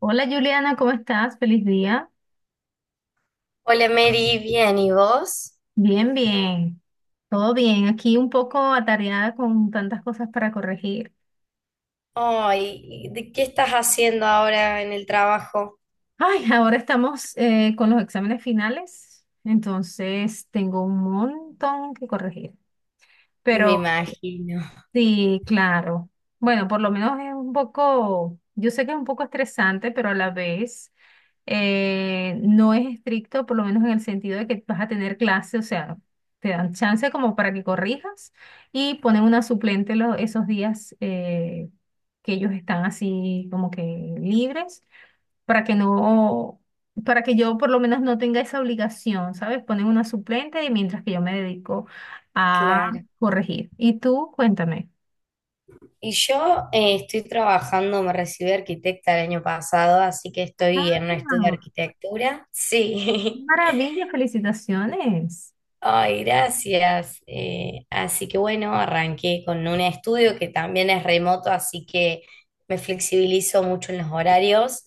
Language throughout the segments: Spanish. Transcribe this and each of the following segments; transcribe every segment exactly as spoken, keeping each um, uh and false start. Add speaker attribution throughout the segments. Speaker 1: Hola Juliana, ¿cómo estás? Feliz día.
Speaker 2: Hola Mary, bien, ¿y vos?
Speaker 1: Bien, bien. Todo bien. Aquí un poco atareada con tantas cosas para corregir.
Speaker 2: Ay, ¿de qué estás haciendo ahora en el trabajo?
Speaker 1: Ay, ahora estamos eh, con los exámenes finales, entonces tengo un montón que corregir.
Speaker 2: Me
Speaker 1: Pero
Speaker 2: imagino,
Speaker 1: sí, claro. Bueno, por lo menos es un poco, yo sé que es un poco estresante, pero a la vez eh, no es estricto, por lo menos en el sentido de que vas a tener clase, o sea, te dan chance como para que corrijas y ponen una suplente lo- esos días eh, que ellos están así como que libres, para que no, para que yo por lo menos no tenga esa obligación, ¿sabes? Ponen una suplente y mientras que yo me dedico a
Speaker 2: claro.
Speaker 1: corregir. Y tú, cuéntame.
Speaker 2: Y yo eh, estoy trabajando, me recibí de arquitecta el año pasado, así que
Speaker 1: Ah,
Speaker 2: estoy en un
Speaker 1: ¡qué
Speaker 2: estudio de arquitectura. Sí,
Speaker 1: ¡Maravilla! Felicitaciones.
Speaker 2: Ay, gracias. Eh, así que bueno, arranqué con un estudio que también es remoto, así que me flexibilizo mucho en los horarios.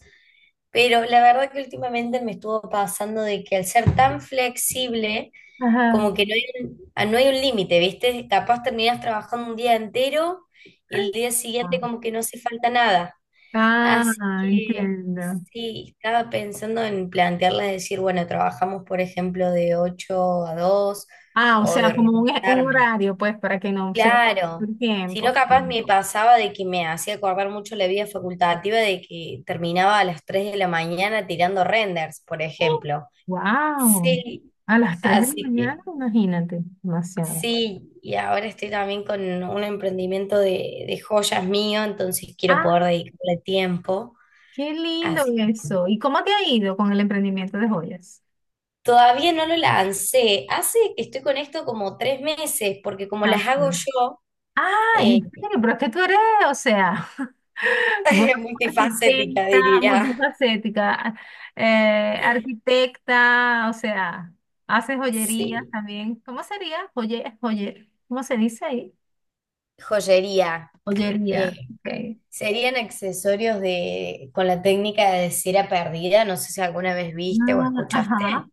Speaker 2: Pero la verdad que últimamente me estuvo pasando de que al ser tan flexible, como
Speaker 1: Ajá.
Speaker 2: que no hay un, ah, no hay un límite, ¿viste? Capaz terminas trabajando un día entero y el día siguiente como que no hace falta nada. Así
Speaker 1: Ah,
Speaker 2: que
Speaker 1: entiendo.
Speaker 2: sí, estaba pensando en plantearle decir, bueno, trabajamos por ejemplo de ocho a dos
Speaker 1: Ah, o
Speaker 2: o de
Speaker 1: sea, como un, e, un
Speaker 2: organizarme.
Speaker 1: horario, pues, para que no se pierda
Speaker 2: Claro,
Speaker 1: el
Speaker 2: si no
Speaker 1: tiempo.
Speaker 2: capaz me pasaba de que me hacía acordar mucho la vida facultativa de que terminaba a las tres de la mañana tirando renders, por ejemplo.
Speaker 1: Wow.
Speaker 2: Sí,
Speaker 1: A las tres de la
Speaker 2: así
Speaker 1: mañana,
Speaker 2: que
Speaker 1: imagínate, demasiado.
Speaker 2: sí, y ahora estoy también con un emprendimiento de, de joyas mío, entonces quiero
Speaker 1: Ah,
Speaker 2: poder dedicarle tiempo.
Speaker 1: qué lindo
Speaker 2: Así que.
Speaker 1: eso. ¿Y cómo te ha ido con el emprendimiento de joyas?
Speaker 2: Todavía no lo lancé. Hace que estoy con esto como tres meses, porque como
Speaker 1: Ah,
Speaker 2: las
Speaker 1: sí.
Speaker 2: hago yo,
Speaker 1: Ah,
Speaker 2: eh,
Speaker 1: en serio, pero es que tú eres, o sea, guau,
Speaker 2: multifacética
Speaker 1: arquitecta,
Speaker 2: diría.
Speaker 1: multifacética, eh, arquitecta, o sea, haces joyerías
Speaker 2: Sí.
Speaker 1: también. ¿Cómo sería? Joye, joye, ¿cómo se dice ahí?
Speaker 2: Joyería. Eh,
Speaker 1: Joyería, ok.
Speaker 2: Serían accesorios de, con la técnica de cera perdida. No sé si alguna vez viste o
Speaker 1: Ah, ajá.
Speaker 2: escuchaste.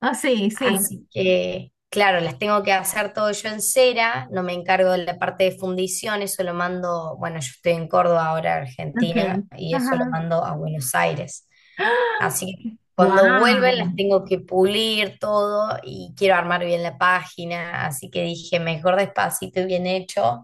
Speaker 1: Ah, sí, sí,
Speaker 2: Así que, claro, las tengo que hacer todo yo en cera, no me encargo de la parte de fundición, eso lo mando, bueno, yo estoy en Córdoba ahora,
Speaker 1: ok.
Speaker 2: Argentina, y eso lo
Speaker 1: Ajá.
Speaker 2: mando a Buenos Aires.
Speaker 1: ¡Ah!
Speaker 2: Así que cuando vuelven
Speaker 1: ¡Guau!
Speaker 2: las tengo que pulir todo y quiero armar bien la página, así que dije, mejor despacito y bien hecho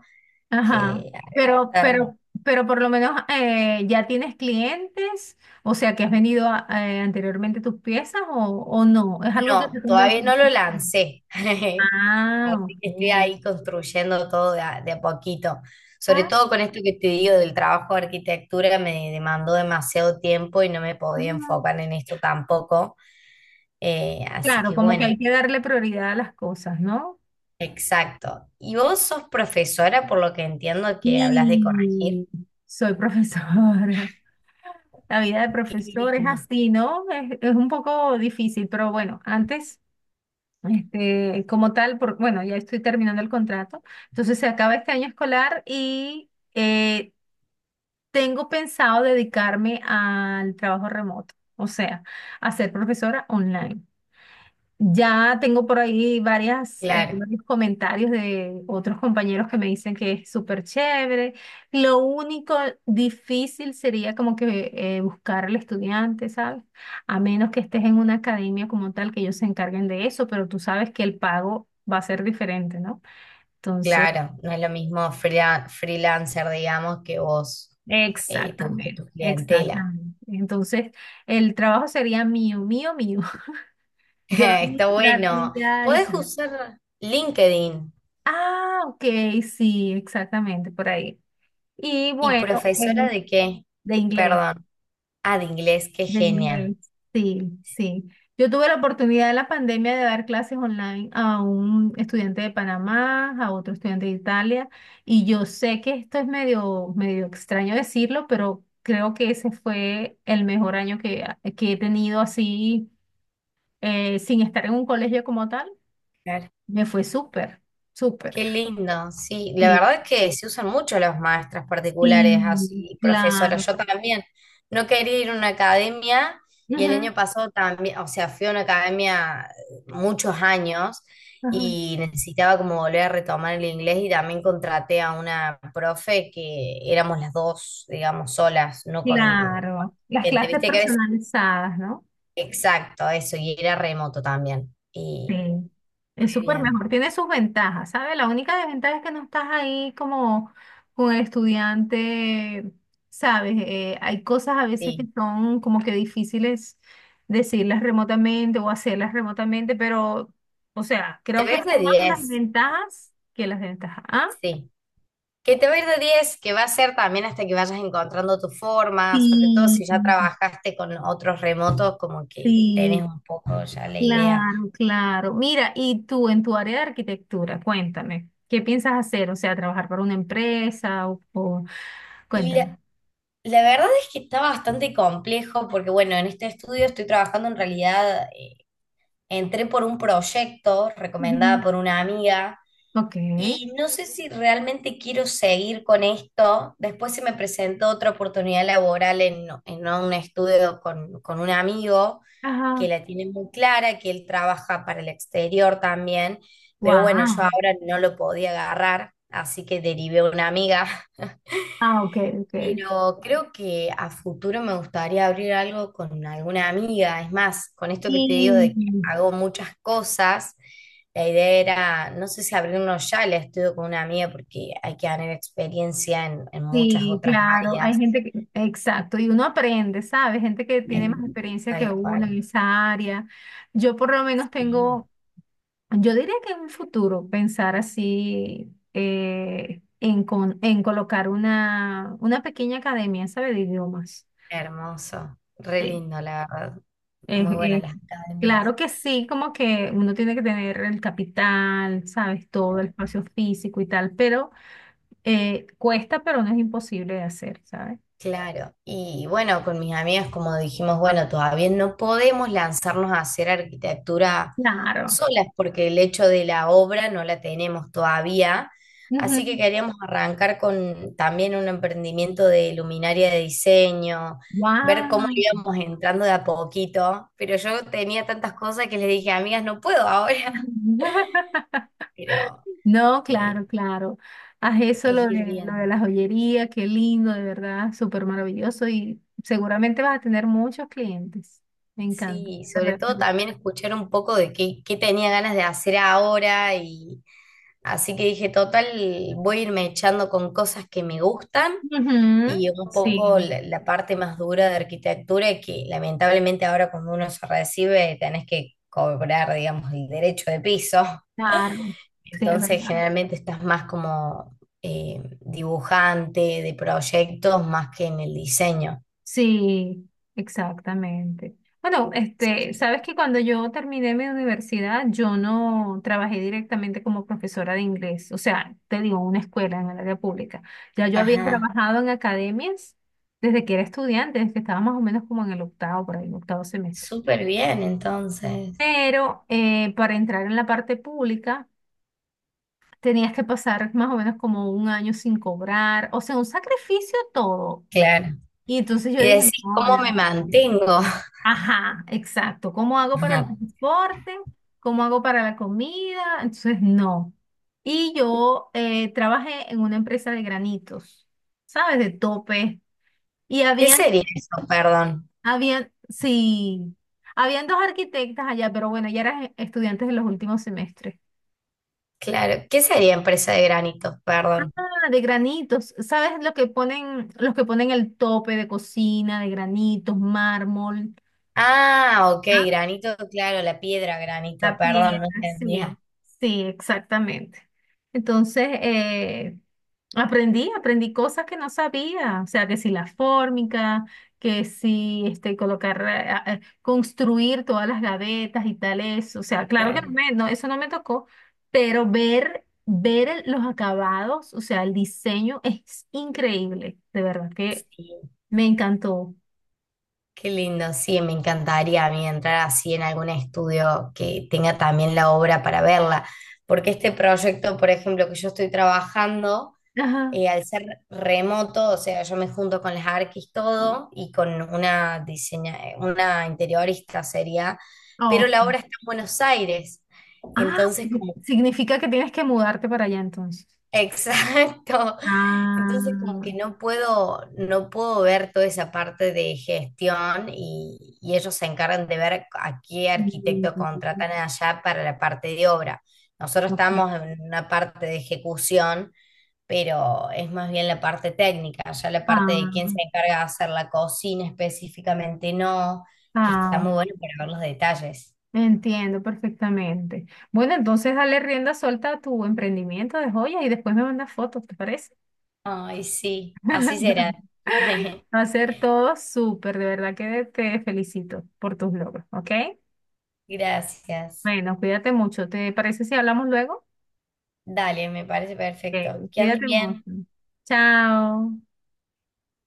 Speaker 1: Ajá,
Speaker 2: que
Speaker 1: pero,
Speaker 2: arrebatarme.
Speaker 1: pero, pero por lo menos eh, ya tienes clientes, o sea, que has vendido a- eh, anteriormente tus piezas o, o no, es algo que
Speaker 2: No,
Speaker 1: te convence.
Speaker 2: todavía no lo lancé. Así
Speaker 1: Ah,
Speaker 2: que estoy
Speaker 1: ok.
Speaker 2: ahí construyendo todo de a, de a poquito. Sobre
Speaker 1: Ah,
Speaker 2: todo con esto que te digo del trabajo de arquitectura, me demandó demasiado tiempo y no me podía
Speaker 1: ah,
Speaker 2: enfocar en esto tampoco. Eh, así
Speaker 1: claro,
Speaker 2: que
Speaker 1: como que
Speaker 2: bueno,
Speaker 1: hay que darle prioridad a las cosas, ¿no?
Speaker 2: exacto. Y vos sos profesora, por lo que entiendo que hablas de corregir.
Speaker 1: Sí, soy profesora. La vida de
Speaker 2: Qué
Speaker 1: profesor es
Speaker 2: lindo.
Speaker 1: así, ¿no? Es, es un poco difícil, pero bueno, antes. Este, como tal, por, bueno, ya estoy terminando el contrato. Entonces se acaba este año escolar y eh, tengo pensado dedicarme al trabajo remoto, o sea, a ser profesora online. Ya tengo por ahí varias, eh,
Speaker 2: Claro,
Speaker 1: varios comentarios de otros compañeros que me dicen que es súper chévere. Lo único difícil sería como que eh, buscar al estudiante, ¿sabes? A menos que estés en una academia como tal que ellos se encarguen de eso, pero tú sabes que el pago va a ser diferente, ¿no? Entonces,
Speaker 2: claro. No es lo mismo freela- freelancer, digamos, que vos eh, te busques
Speaker 1: exactamente,
Speaker 2: tu clientela.
Speaker 1: exactamente. Entonces, el trabajo sería mío, mío, mío. Yo lo
Speaker 2: Está bueno.
Speaker 1: administraría,
Speaker 2: Podés
Speaker 1: exacto.
Speaker 2: usar LinkedIn.
Speaker 1: Ah, ok, sí, exactamente, por ahí. Y
Speaker 2: ¿Y
Speaker 1: bueno,
Speaker 2: profesora
Speaker 1: eh,
Speaker 2: de qué?
Speaker 1: de inglés,
Speaker 2: Perdón. Ah, de inglés, qué
Speaker 1: de
Speaker 2: genia.
Speaker 1: inglés, sí, sí. Yo tuve la oportunidad en la pandemia de dar clases online a un estudiante de Panamá, a otro estudiante de Italia, y yo sé que esto es medio, medio extraño decirlo, pero creo que ese fue el mejor año que, que he tenido así, eh, sin estar en un colegio como tal.
Speaker 2: Claro.
Speaker 1: Me fue súper, súper.
Speaker 2: Qué lindo, sí. La
Speaker 1: Sí,
Speaker 2: verdad que se usan mucho los maestras particulares
Speaker 1: sí,
Speaker 2: así,
Speaker 1: claro.
Speaker 2: profesoras. Yo también no quería ir a una academia y el
Speaker 1: Ujú,
Speaker 2: año pasado también, o sea, fui a una academia muchos años
Speaker 1: ajá.
Speaker 2: y necesitaba como volver a retomar el inglés y también contraté a una profe que éramos las dos, digamos, solas, no con, con
Speaker 1: Claro, las
Speaker 2: gente.
Speaker 1: clases
Speaker 2: Viste que a veces
Speaker 1: personalizadas, ¿no?
Speaker 2: exacto, eso, y era remoto también.
Speaker 1: Sí,
Speaker 2: Y
Speaker 1: es
Speaker 2: muy
Speaker 1: súper
Speaker 2: bien,
Speaker 1: mejor. Tiene sus ventajas, ¿sabes? La única desventaja es que no estás ahí como con el estudiante, ¿sabes? Eh, hay cosas a veces que
Speaker 2: sí.
Speaker 1: son como que difíciles decirlas remotamente o hacerlas remotamente, pero, o sea,
Speaker 2: Te
Speaker 1: creo
Speaker 2: va a
Speaker 1: que
Speaker 2: ir de
Speaker 1: son más
Speaker 2: diez,
Speaker 1: las ventajas que las desventajas. Ah,
Speaker 2: sí. Que te va a ir de diez, que va a ser también hasta que vayas encontrando tu forma, sobre todo
Speaker 1: sí,
Speaker 2: si ya trabajaste con otros remotos, como que tenés
Speaker 1: sí.
Speaker 2: un poco ya la idea.
Speaker 1: Claro, claro. Mira, y tú en tu área de arquitectura, cuéntame, ¿qué piensas hacer? O sea, trabajar para una empresa o, o-
Speaker 2: Y
Speaker 1: cuéntame.
Speaker 2: la, la verdad es que está bastante complejo, porque bueno, en este estudio estoy trabajando en realidad, eh, entré por un proyecto recomendada
Speaker 1: Ujú.
Speaker 2: por una amiga.
Speaker 1: Ok.
Speaker 2: Y no sé si realmente quiero seguir con esto. Después se me presentó otra oportunidad laboral en, en un estudio con, con un amigo que
Speaker 1: Ajá.
Speaker 2: la tiene muy clara, que él trabaja para el exterior también, pero bueno, yo
Speaker 1: Wow.
Speaker 2: ahora no lo podía agarrar, así que derivé a una amiga,
Speaker 1: Ah, ok, ok.
Speaker 2: pero creo que a futuro me gustaría abrir algo con alguna amiga. Es más, con esto que te digo de que
Speaker 1: Sí,
Speaker 2: hago muchas cosas, la idea era, no sé si abrirlo ya, la estudio con una amiga porque hay que ganar experiencia en, en muchas
Speaker 1: sí,
Speaker 2: otras
Speaker 1: claro. Hay
Speaker 2: áreas.
Speaker 1: gente que, exacto, y uno aprende, ¿sabes? Gente que tiene más
Speaker 2: eh,
Speaker 1: experiencia que
Speaker 2: Tal
Speaker 1: uno en
Speaker 2: cual.
Speaker 1: esa área. Yo por lo menos
Speaker 2: Sí.
Speaker 1: tengo. Yo diría que en un futuro pensar así eh, en, con- en colocar una, una pequeña academia, ¿sabe? De idiomas.
Speaker 2: Hermoso. Re
Speaker 1: Sí.
Speaker 2: lindo, la verdad.
Speaker 1: Es-
Speaker 2: Muy buenas
Speaker 1: es-
Speaker 2: las academias.
Speaker 1: claro que sí, como que uno tiene que tener el capital, ¿sabes? Todo el espacio físico y tal, pero eh, cuesta, pero no es imposible de hacer, ¿sabes?
Speaker 2: Claro, y bueno, con mis amigas como dijimos, bueno, todavía no podemos lanzarnos a hacer arquitectura
Speaker 1: Claro.
Speaker 2: solas porque el hecho de la obra no la tenemos todavía, así que queríamos arrancar con también un emprendimiento de luminaria de diseño, ver cómo
Speaker 1: Wow.
Speaker 2: le íbamos entrando de a poquito, pero yo tenía tantas cosas que les dije, amigas, no puedo ahora, pero
Speaker 1: No,
Speaker 2: eh,
Speaker 1: claro, claro. Haz eso
Speaker 2: es
Speaker 1: lo
Speaker 2: ir
Speaker 1: de, lo de
Speaker 2: viendo.
Speaker 1: la joyería, qué lindo, de verdad, súper maravilloso y seguramente vas a tener muchos clientes. Me encanta.
Speaker 2: Sí,
Speaker 1: De
Speaker 2: sobre
Speaker 1: verdad.
Speaker 2: todo también escuchar un poco de qué, qué tenía ganas de hacer ahora y así que dije, total, voy a irme echando con cosas que me gustan
Speaker 1: Ujú,
Speaker 2: y un
Speaker 1: sí,
Speaker 2: poco la, la parte más dura de arquitectura que lamentablemente ahora cuando uno se recibe tenés que cobrar, digamos, el derecho de piso.
Speaker 1: claro, sí, es
Speaker 2: Entonces
Speaker 1: verdad.
Speaker 2: generalmente estás más como eh, dibujante de proyectos más que en el diseño.
Speaker 1: Sí, exactamente. Bueno, este, sabes que cuando yo terminé mi universidad, yo no trabajé directamente como profesora de inglés, o sea, te digo, una escuela en el área pública. Ya yo había
Speaker 2: Ajá,
Speaker 1: trabajado en academias desde que era estudiante, desde que estaba más o menos como en el octavo, por ahí, el octavo semestre.
Speaker 2: súper bien entonces.
Speaker 1: Pero eh, para entrar en la parte pública tenías que pasar más o menos como un año sin cobrar, o sea, un sacrificio todo.
Speaker 2: Claro.
Speaker 1: Y entonces yo
Speaker 2: Y
Speaker 1: dije,
Speaker 2: decís,
Speaker 1: no, no.
Speaker 2: ¿cómo me mantengo?
Speaker 1: Ajá, exacto. ¿Cómo hago para el transporte? ¿Cómo hago para la comida? Entonces, no. Y yo eh, trabajé en una empresa de granitos, ¿sabes? De tope. Y
Speaker 2: ¿Qué
Speaker 1: habían,
Speaker 2: sería eso? Perdón.
Speaker 1: habían, sí, habían dos arquitectas allá, pero bueno, ya eran estudiantes de los últimos semestres.
Speaker 2: Claro. ¿Qué sería empresa de granitos? Perdón.
Speaker 1: Ah, de granitos, ¿sabes lo que ponen, los que ponen el tope de cocina, de granitos, mármol?
Speaker 2: Ah, ok, granito, claro, la piedra granito,
Speaker 1: La
Speaker 2: perdón,
Speaker 1: piel,
Speaker 2: no
Speaker 1: sí,
Speaker 2: entendía.
Speaker 1: sí, exactamente. Entonces, eh, aprendí, aprendí cosas que no sabía, o sea, que si la fórmica, que si este, colocar, eh, a- eh, construir todas las gavetas y tales, o sea, claro que no
Speaker 2: Claro,
Speaker 1: me, no, eso no me tocó, pero ver, ver el- los acabados, o sea, el diseño es increíble, de verdad que
Speaker 2: sí.
Speaker 1: me encantó.
Speaker 2: Qué lindo, sí, me encantaría a mí entrar así en algún estudio que tenga también la obra para verla. Porque este proyecto, por ejemplo, que yo estoy trabajando.
Speaker 1: Ajá.
Speaker 2: Eh, al ser remoto, o sea, yo me junto con las arquis todo y con una diseña, una interiorista sería,
Speaker 1: Ah,
Speaker 2: pero la
Speaker 1: ok.
Speaker 2: obra está en Buenos Aires.
Speaker 1: Ah,
Speaker 2: Entonces,
Speaker 1: sí,
Speaker 2: como
Speaker 1: significa que tienes que mudarte para allá entonces.
Speaker 2: exacto.
Speaker 1: Ah,
Speaker 2: Entonces como que
Speaker 1: mm,
Speaker 2: no puedo, no puedo ver toda esa parte de gestión y, y ellos se encargan de ver a qué arquitecto contratan allá para la parte de obra. Nosotros estamos
Speaker 1: ok.
Speaker 2: en una parte de ejecución, pero es más bien la parte técnica, ya la parte de
Speaker 1: Ah,
Speaker 2: quién se encarga de hacer la cocina específicamente no, que está
Speaker 1: ah,
Speaker 2: muy bueno para ver los detalles.
Speaker 1: entiendo perfectamente. Bueno, entonces dale rienda suelta a tu emprendimiento de joyas y después me mandas fotos, ¿te parece?
Speaker 2: Ay, sí, así será.
Speaker 1: Va a ser todo súper, de verdad que te felicito por tus logros, ¿ok?
Speaker 2: Gracias.
Speaker 1: Bueno, cuídate mucho. ¿Te parece si hablamos luego?
Speaker 2: Dale, me parece perfecto.
Speaker 1: Ok,
Speaker 2: Que andes
Speaker 1: cuídate
Speaker 2: bien.
Speaker 1: mucho. Chao.